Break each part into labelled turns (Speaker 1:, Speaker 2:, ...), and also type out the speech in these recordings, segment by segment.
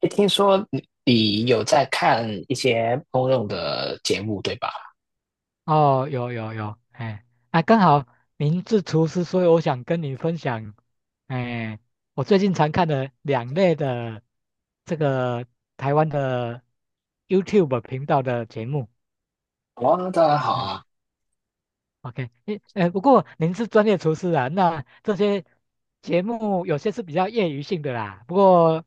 Speaker 1: 诶听说你有在看一些公用的节目，对吧？
Speaker 2: 哦，有有有，哎，啊，刚好您是厨师，所以我想跟你分享，哎，我最近常看的两类的这个台湾的 YouTube 频道的节目。
Speaker 1: 哦，当然好
Speaker 2: 嗯，
Speaker 1: 啊，
Speaker 2: OK，诶，不过您是专业厨师啊，那这些节目有些是比较业余性的啦，不过，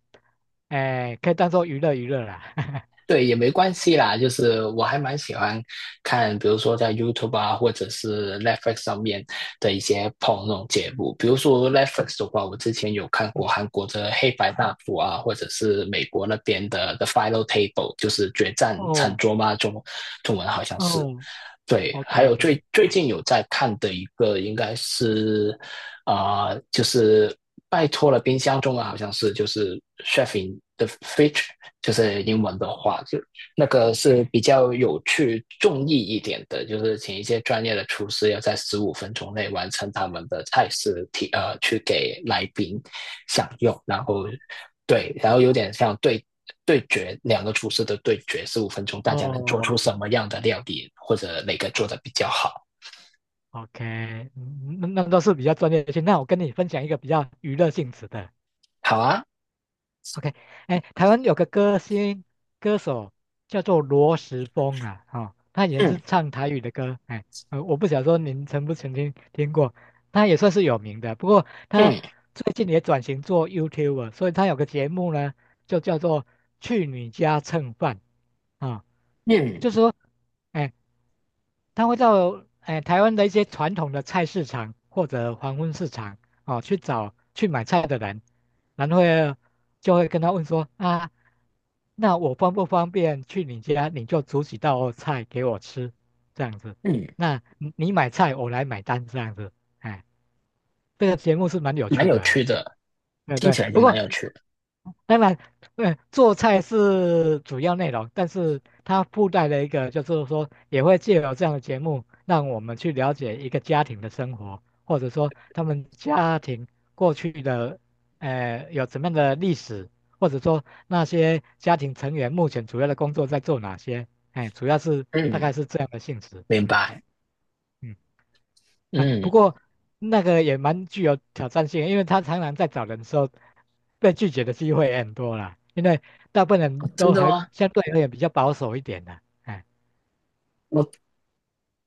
Speaker 2: 哎、可以当做娱乐娱乐啦。
Speaker 1: 对，也没关系啦。就是我还蛮喜欢看，比如说在 YouTube 啊，或者是 Netflix 上面的一些那种节目。比如说 Netflix 的话，我之前有看过
Speaker 2: 嗯
Speaker 1: 韩国的《黑白大谱》啊，或者是美国那边的《The Final Table》，就是《决战餐
Speaker 2: 哦
Speaker 1: 桌》嘛，中文好像是。
Speaker 2: 哦
Speaker 1: 对，还
Speaker 2: ，OK
Speaker 1: 有
Speaker 2: OK，
Speaker 1: 最最
Speaker 2: 啊，
Speaker 1: 近有在看的一个应该是就是拜托了冰箱，中文好像是就是 chef in the fridge，就是英文的话，就那个是比较有趣、重意一点的，就是请一些专业的厨师要在十五分钟内完成他们的菜式去给来宾享用，然后
Speaker 2: 哦
Speaker 1: 对，然后有点像对决两个厨师的对决，十五分钟大家能做出
Speaker 2: 哦，
Speaker 1: 什么样的料理，或者哪个做的比较好。
Speaker 2: OK，嗯那都是比较专业性。那我跟你分享一个比较娱乐性质的。
Speaker 1: 好啊，
Speaker 2: OK，哎，台湾有个歌手叫做罗时丰啦，哦，他以前是
Speaker 1: 嗯
Speaker 2: 唱台语的歌，哎，我不想说您曾不曾经听过，他也算是有名的。不过他
Speaker 1: 嗯
Speaker 2: 最近也转型做 YouTuber，所以他有个节目呢，就叫做《去你家蹭饭》啊、
Speaker 1: 嗯
Speaker 2: 就是说。哎，他会到哎台湾的一些传统的菜市场或者黄昏市场哦去找去买菜的人，然后就会跟他问说啊，那我方不方便去你家，你就煮几道菜给我吃，这样子。
Speaker 1: 嗯，
Speaker 2: 那你买菜，我来买单，这样子。哎，这个节目是蛮有
Speaker 1: 蛮
Speaker 2: 趣
Speaker 1: 有
Speaker 2: 的
Speaker 1: 趣
Speaker 2: 啊，
Speaker 1: 的，
Speaker 2: 对
Speaker 1: 听
Speaker 2: 对。
Speaker 1: 起来就
Speaker 2: 不
Speaker 1: 蛮
Speaker 2: 过
Speaker 1: 有趣的。
Speaker 2: 当然，做菜是主要内容，但是它附带了一个，就是说也会借由这样的节目，让我们去了解一个家庭的生活，或者说他们家庭过去的，有怎么样的历史，或者说那些家庭成员目前主要的工作在做哪些，哎，主要是大概
Speaker 1: 嗯，
Speaker 2: 是这样的性质，
Speaker 1: 明
Speaker 2: 嗯
Speaker 1: 白。
Speaker 2: 嗯。啊，不
Speaker 1: 嗯，
Speaker 2: 过那个也蛮具有挑战性的因为他常常在找人的时候，被拒绝的机会也很多啦。因为大部分人
Speaker 1: 真
Speaker 2: 都
Speaker 1: 的
Speaker 2: 还
Speaker 1: 吗？
Speaker 2: 相对而言比较保守一点的，哎，
Speaker 1: 我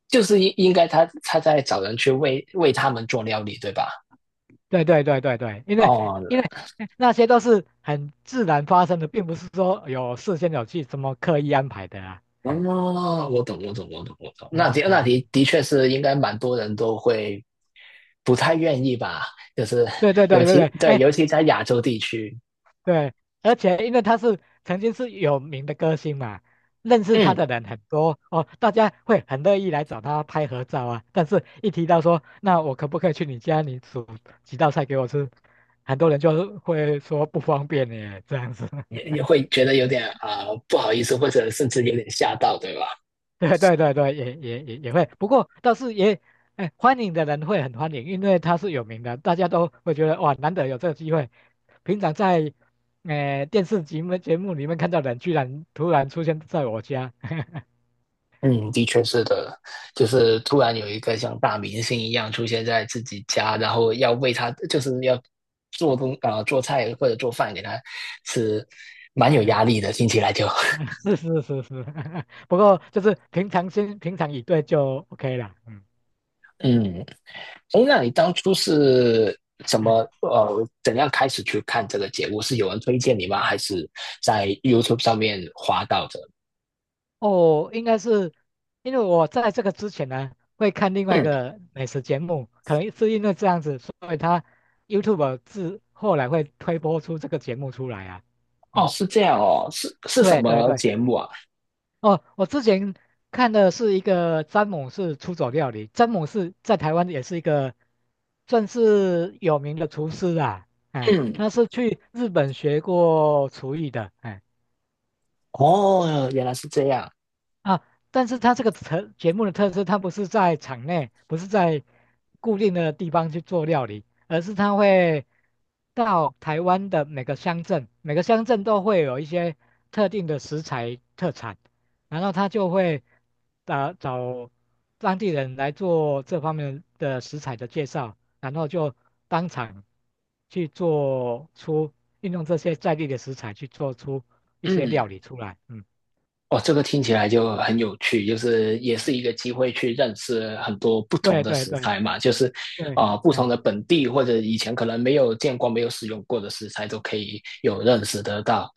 Speaker 1: 就是应该他在找人去为他们做料理，对吧？
Speaker 2: 对对对对对，因为
Speaker 1: 哦，
Speaker 2: 因为那些都是很自然发生的，并不是说有事先有去什么刻意安排的啊。哎，
Speaker 1: 哦，我懂，我懂，我懂，我懂。那
Speaker 2: 嗯
Speaker 1: 的那
Speaker 2: ，OK，OK
Speaker 1: 的的确是应该蛮多人都会不太愿意吧，就是
Speaker 2: 对对
Speaker 1: 尤
Speaker 2: 对对对，
Speaker 1: 其对，
Speaker 2: 哎、
Speaker 1: 尤其在亚洲地区，
Speaker 2: 对，而且因为他是曾经是有名的歌星嘛，认识他
Speaker 1: 嗯，
Speaker 2: 的人很多哦，大家会很乐意来找他拍合照啊。但是，一提到说，那我可不可以去你家，你煮几道菜给我吃，很多人就会说不方便耶，这样子。
Speaker 1: 也 也会觉得有点不好意思，或者甚至有点吓到，对吧？
Speaker 2: 对对对对，也会，不过倒是也，哎，欢迎的人会很欢迎，因为他是有名的，大家都会觉得哇，难得有这个机会。平常在，电视节目里面看到的人，居然突然出现在我家。
Speaker 1: 嗯，的确是的，就是突然有一个像大明星一样出现在自己家，然后要为他，就是要做东做菜或者做饭给他吃，蛮有压
Speaker 2: 嗯，
Speaker 1: 力的，听起来就。
Speaker 2: 是是是是，不过就是平常心、平常以对就 OK 了。嗯
Speaker 1: 嗯，哎，那你当初是怎
Speaker 2: 嗯，
Speaker 1: 么怎样开始去看这个节目？是有人推荐你吗？还是在 YouTube 上面滑到的？
Speaker 2: 哦，应该是因为我在这个之前呢，会看另外一
Speaker 1: 嗯，
Speaker 2: 个美食节目，可能是因为这样子，所以他 YouTube 自后来会推播出这个节目出来啊。
Speaker 1: 哦，
Speaker 2: 嗯，
Speaker 1: 是这样哦，是什
Speaker 2: 对对
Speaker 1: 么
Speaker 2: 对，
Speaker 1: 节目啊？
Speaker 2: 哦，我之前看的是一个詹姆士出走料理，詹姆士在台湾也是一个算是有名的厨师啊，哎，
Speaker 1: 嗯，
Speaker 2: 他是去日本学过厨艺的，哎。
Speaker 1: 哦，原来是这样。
Speaker 2: 啊，但是它这个节目的特色，它不是在场内，不是在固定的地方去做料理，而是它会到台湾的每个乡镇，每个乡镇都会有一些特定的食材特产，然后他就会啊找当地人来做这方面的食材的介绍，然后就当场去做出运用这些在地的食材去做出一些
Speaker 1: 嗯。
Speaker 2: 料理出来，嗯。
Speaker 1: 哦，这个听起来就很有趣，就是也是一个机会去认识很多不同
Speaker 2: 对
Speaker 1: 的
Speaker 2: 对
Speaker 1: 食
Speaker 2: 对，
Speaker 1: 材嘛，就是
Speaker 2: 对，
Speaker 1: 不同
Speaker 2: 哎，
Speaker 1: 的本地或者以前可能没有见过、没有使用过的食材都可以有认识得到。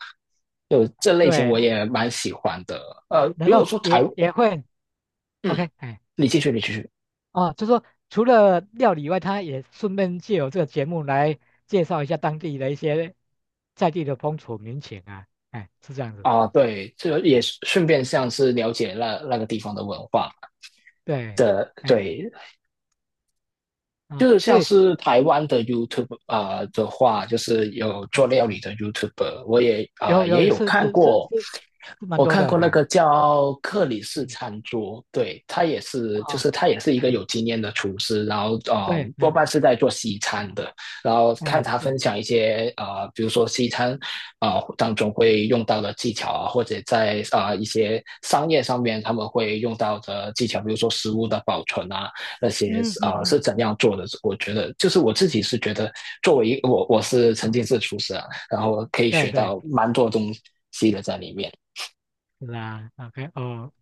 Speaker 1: 就这类型
Speaker 2: 对，
Speaker 1: 我也蛮喜欢的。呃，
Speaker 2: 然
Speaker 1: 如果
Speaker 2: 后
Speaker 1: 说台，
Speaker 2: 也会
Speaker 1: 嗯，
Speaker 2: ，OK，哎，
Speaker 1: 你继续，你继续。
Speaker 2: 哦，就说除了料理以外，他也顺便借由这个节目来介绍一下当地的一些在地的风土民情啊，哎，是这样子，
Speaker 1: 啊，
Speaker 2: 嗯
Speaker 1: 对，这也顺便像是了解那个地方的文化
Speaker 2: 对，
Speaker 1: 的，
Speaker 2: 哎，
Speaker 1: 对，
Speaker 2: 啊、
Speaker 1: 就是
Speaker 2: 所
Speaker 1: 像
Speaker 2: 以
Speaker 1: 是台湾的 YouTube 的话，就是有做
Speaker 2: 嗯
Speaker 1: 料理的 YouTuber，我也啊、
Speaker 2: 有
Speaker 1: 呃也
Speaker 2: 有
Speaker 1: 有
Speaker 2: 是
Speaker 1: 看
Speaker 2: 是是
Speaker 1: 过。
Speaker 2: 是是蛮
Speaker 1: 我
Speaker 2: 多
Speaker 1: 看
Speaker 2: 的，
Speaker 1: 过那
Speaker 2: 哎，
Speaker 1: 个叫克里斯
Speaker 2: 嗯，
Speaker 1: 餐桌，对，他也是，就
Speaker 2: 哦，
Speaker 1: 是他也是一个
Speaker 2: 嗯，
Speaker 1: 有经验的厨师，然后
Speaker 2: 对，
Speaker 1: 多
Speaker 2: 嗯，
Speaker 1: 半是在做西餐的，然后看
Speaker 2: 哎，
Speaker 1: 他
Speaker 2: 是，
Speaker 1: 分享一些比如说西餐当中会用到的技巧啊，或者在一些商业上面他们会用到的技巧，比如说食物的保存啊那些
Speaker 2: 嗯嗯
Speaker 1: 啊是
Speaker 2: 嗯，
Speaker 1: 怎样做的。我觉得就是我自己是觉得作为一我我是曾经是厨师啊，然后可以
Speaker 2: 对
Speaker 1: 学
Speaker 2: 对，
Speaker 1: 到蛮多东西的在里面，
Speaker 2: 是啊，OK，哦。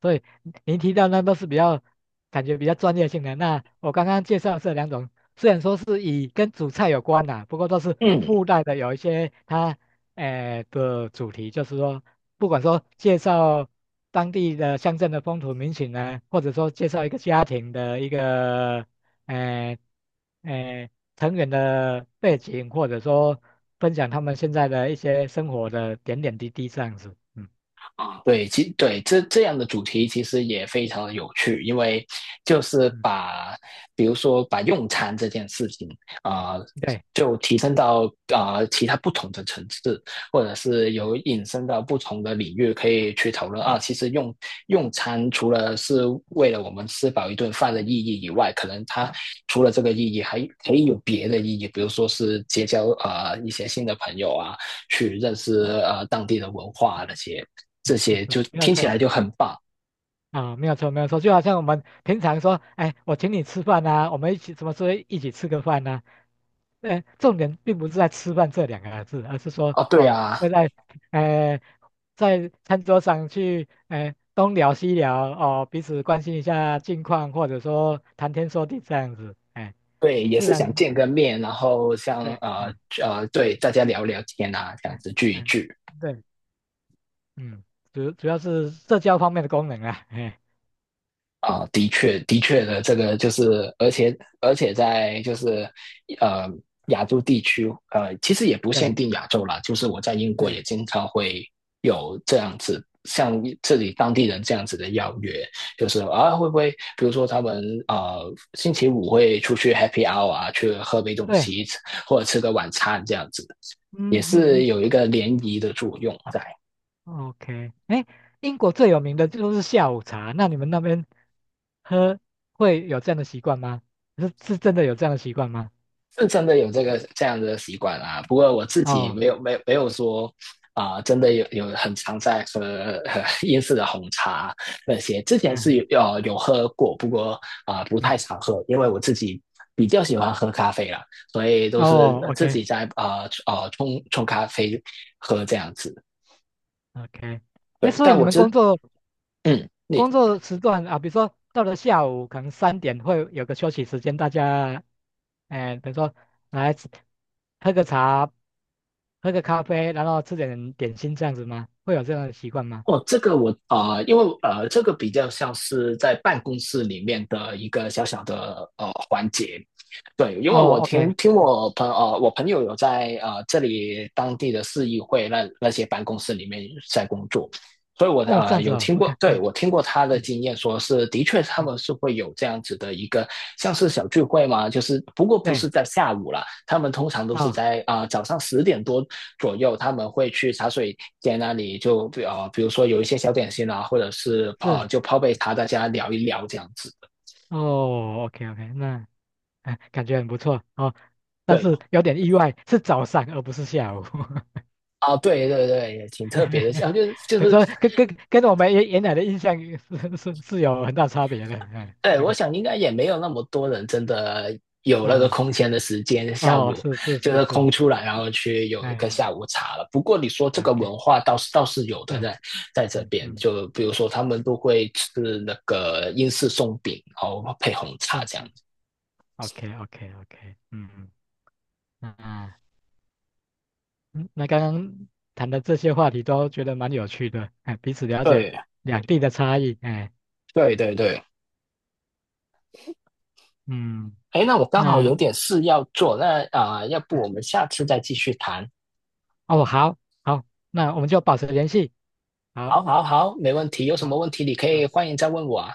Speaker 2: 所以您提到那都是感觉比较专业性的。那我刚刚介绍的这两种，虽然说是以跟主菜有关啦、不过都是
Speaker 1: 嗯。
Speaker 2: 附带的有一些它诶、的主题，就是说不管说介绍当地的乡镇的风土民情呢，或者说介绍一个家庭的一个诶诶、呃成员的背景，或者说分享他们现在的一些生活的点点滴滴这样子。嗯，
Speaker 1: 啊，对，其对这这样的主题其实也非常的有趣，因为就是
Speaker 2: 嗯，
Speaker 1: 把，比如说把用餐这件事情啊、呃
Speaker 2: 对，
Speaker 1: 就提升到其他不同的层次，或者是有引申到不同的领域可以去讨论啊。其实用餐除了是为了我们吃饱一顿饭的意义以外，可能它除了这个意义，还可以有别的意义，比如说是结交一些新的朋友啊，去认识当地的文化啊那些。这些，就
Speaker 2: 没有
Speaker 1: 听起
Speaker 2: 错。
Speaker 1: 来就很棒
Speaker 2: 啊，没有错，没有错，就好像我们平常说，哎，我请你吃饭呐、我们一起什么时候一起吃个饭呐、重点并不是在吃饭这两个字，而是说
Speaker 1: 哦。对
Speaker 2: 哦，
Speaker 1: 啊，
Speaker 2: 会在呃在餐桌上去东聊西聊哦，彼此关心一下近况，或者说谈天说地这样子，哎，
Speaker 1: 对，也
Speaker 2: 自
Speaker 1: 是想
Speaker 2: 然
Speaker 1: 见个面，然后，
Speaker 2: 对，嗯
Speaker 1: 对，大家聊聊天啊，这样
Speaker 2: 嗯
Speaker 1: 子聚一
Speaker 2: 嗯，
Speaker 1: 聚。
Speaker 2: 对，嗯，主要是社交方面的功能啊，哎，
Speaker 1: 啊，的确这个就是，而且在就是呃亚洲地区，其实也不限
Speaker 2: 对
Speaker 1: 定亚洲啦，就是我在英国也
Speaker 2: 对
Speaker 1: 经常会有这样子，像这里当地人这样子的邀约，就是啊，会不会比如说他们星期五会出去 happy hour 啊，去喝杯东
Speaker 2: 对，
Speaker 1: 西，或者吃个晚餐这样子，也
Speaker 2: 嗯嗯
Speaker 1: 是
Speaker 2: 嗯。
Speaker 1: 有一个联谊的作用在。
Speaker 2: OK，哎，英国最有名的就是下午茶，那你们那边喝会有这样的习惯吗？是真的有这样的习惯吗？
Speaker 1: 是真的有这样的习惯啊。不过我自己
Speaker 2: 哦，
Speaker 1: 没有说真的有很常在喝英式的红茶那些。之前
Speaker 2: 嗯
Speaker 1: 是
Speaker 2: 嗯，
Speaker 1: 有喝过，不过不
Speaker 2: 嗯
Speaker 1: 太常喝，因为我自己比较喜欢喝咖啡啦，所以都是
Speaker 2: 哦
Speaker 1: 自己
Speaker 2: ，OK
Speaker 1: 在冲咖啡喝这样子。
Speaker 2: OK，哎，
Speaker 1: 对，
Speaker 2: 所以
Speaker 1: 但
Speaker 2: 你
Speaker 1: 我
Speaker 2: 们
Speaker 1: 真
Speaker 2: 工作
Speaker 1: 嗯，
Speaker 2: 工作时段啊，比如说到了下午可能三点会有个休息时间，大家，哎，比如说来喝个茶，喝个咖啡，然后吃点点心这样子吗？会有这样的习惯吗？
Speaker 1: 哦，这个我因为这个比较像是在办公室里面的一个小小的环节，对，因为
Speaker 2: 哦
Speaker 1: 我听
Speaker 2: ，OK，
Speaker 1: 听
Speaker 2: 嗯，
Speaker 1: 我朋友有在这里当地的市议会那些办公室里面在工作，所以
Speaker 2: 哦，这样子
Speaker 1: 有
Speaker 2: 哦
Speaker 1: 听过，
Speaker 2: ，OK，
Speaker 1: 对，
Speaker 2: 嗯。
Speaker 1: 我听过他的
Speaker 2: 嗯
Speaker 1: 经验，说是的确他
Speaker 2: 嗯，
Speaker 1: 们是会有这样子的一个像是小聚会嘛，就是不过不是
Speaker 2: 对，
Speaker 1: 在下午啦，他们通常都是
Speaker 2: 哦，
Speaker 1: 在早上10点多左右，他们会去茶水间那里就比如说有一些小点心啊，或者是
Speaker 2: 是，
Speaker 1: 就泡杯茶，大家聊一聊这样子。
Speaker 2: 哦，OK OK，那、哎感觉很不错哦，但
Speaker 1: 对
Speaker 2: 是有点意外，是早上而不是下午，
Speaker 1: 啊，对对对，也挺特别的。啊，就是就
Speaker 2: 所以
Speaker 1: 是，
Speaker 2: 说跟我们原来的印象是有很大差别的，哎
Speaker 1: 对，我
Speaker 2: ，OK，
Speaker 1: 想应该也没有那么多人真的有那个
Speaker 2: 啊、
Speaker 1: 空闲的时间，下
Speaker 2: 哦，
Speaker 1: 午
Speaker 2: 是是
Speaker 1: 就
Speaker 2: 是
Speaker 1: 是空
Speaker 2: 是，
Speaker 1: 出来，然后去有一个
Speaker 2: 哎
Speaker 1: 下午茶了。不过你说这
Speaker 2: 哎
Speaker 1: 个
Speaker 2: ，OK，
Speaker 1: 文化倒是有的
Speaker 2: 对，
Speaker 1: 在，在这
Speaker 2: 嗯
Speaker 1: 边，
Speaker 2: 嗯，
Speaker 1: 就比如说他们都会吃那个英式松饼，然后配红
Speaker 2: 对
Speaker 1: 茶
Speaker 2: 嗯
Speaker 1: 这样
Speaker 2: 嗯对
Speaker 1: 子。
Speaker 2: o k OK OK，嗯嗯，那啊嗯那刚刚谈的这些话题都觉得蛮有趣的，哎，彼此了解
Speaker 1: 对
Speaker 2: 两地的差异，哎，
Speaker 1: 对对对。
Speaker 2: 嗯。
Speaker 1: 哎，那我刚好
Speaker 2: 那
Speaker 1: 有点事要做，那要不我们下次再继续谈？
Speaker 2: 哦，好，好，那我们就保持联系。好，
Speaker 1: 好，好，好，没问题。有什么
Speaker 2: 好，
Speaker 1: 问题你可以
Speaker 2: 好，
Speaker 1: 欢迎再问我啊。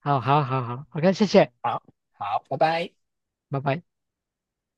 Speaker 2: 好，好，好，好，OK，谢谢，
Speaker 1: 好，好，拜拜。
Speaker 2: 拜拜。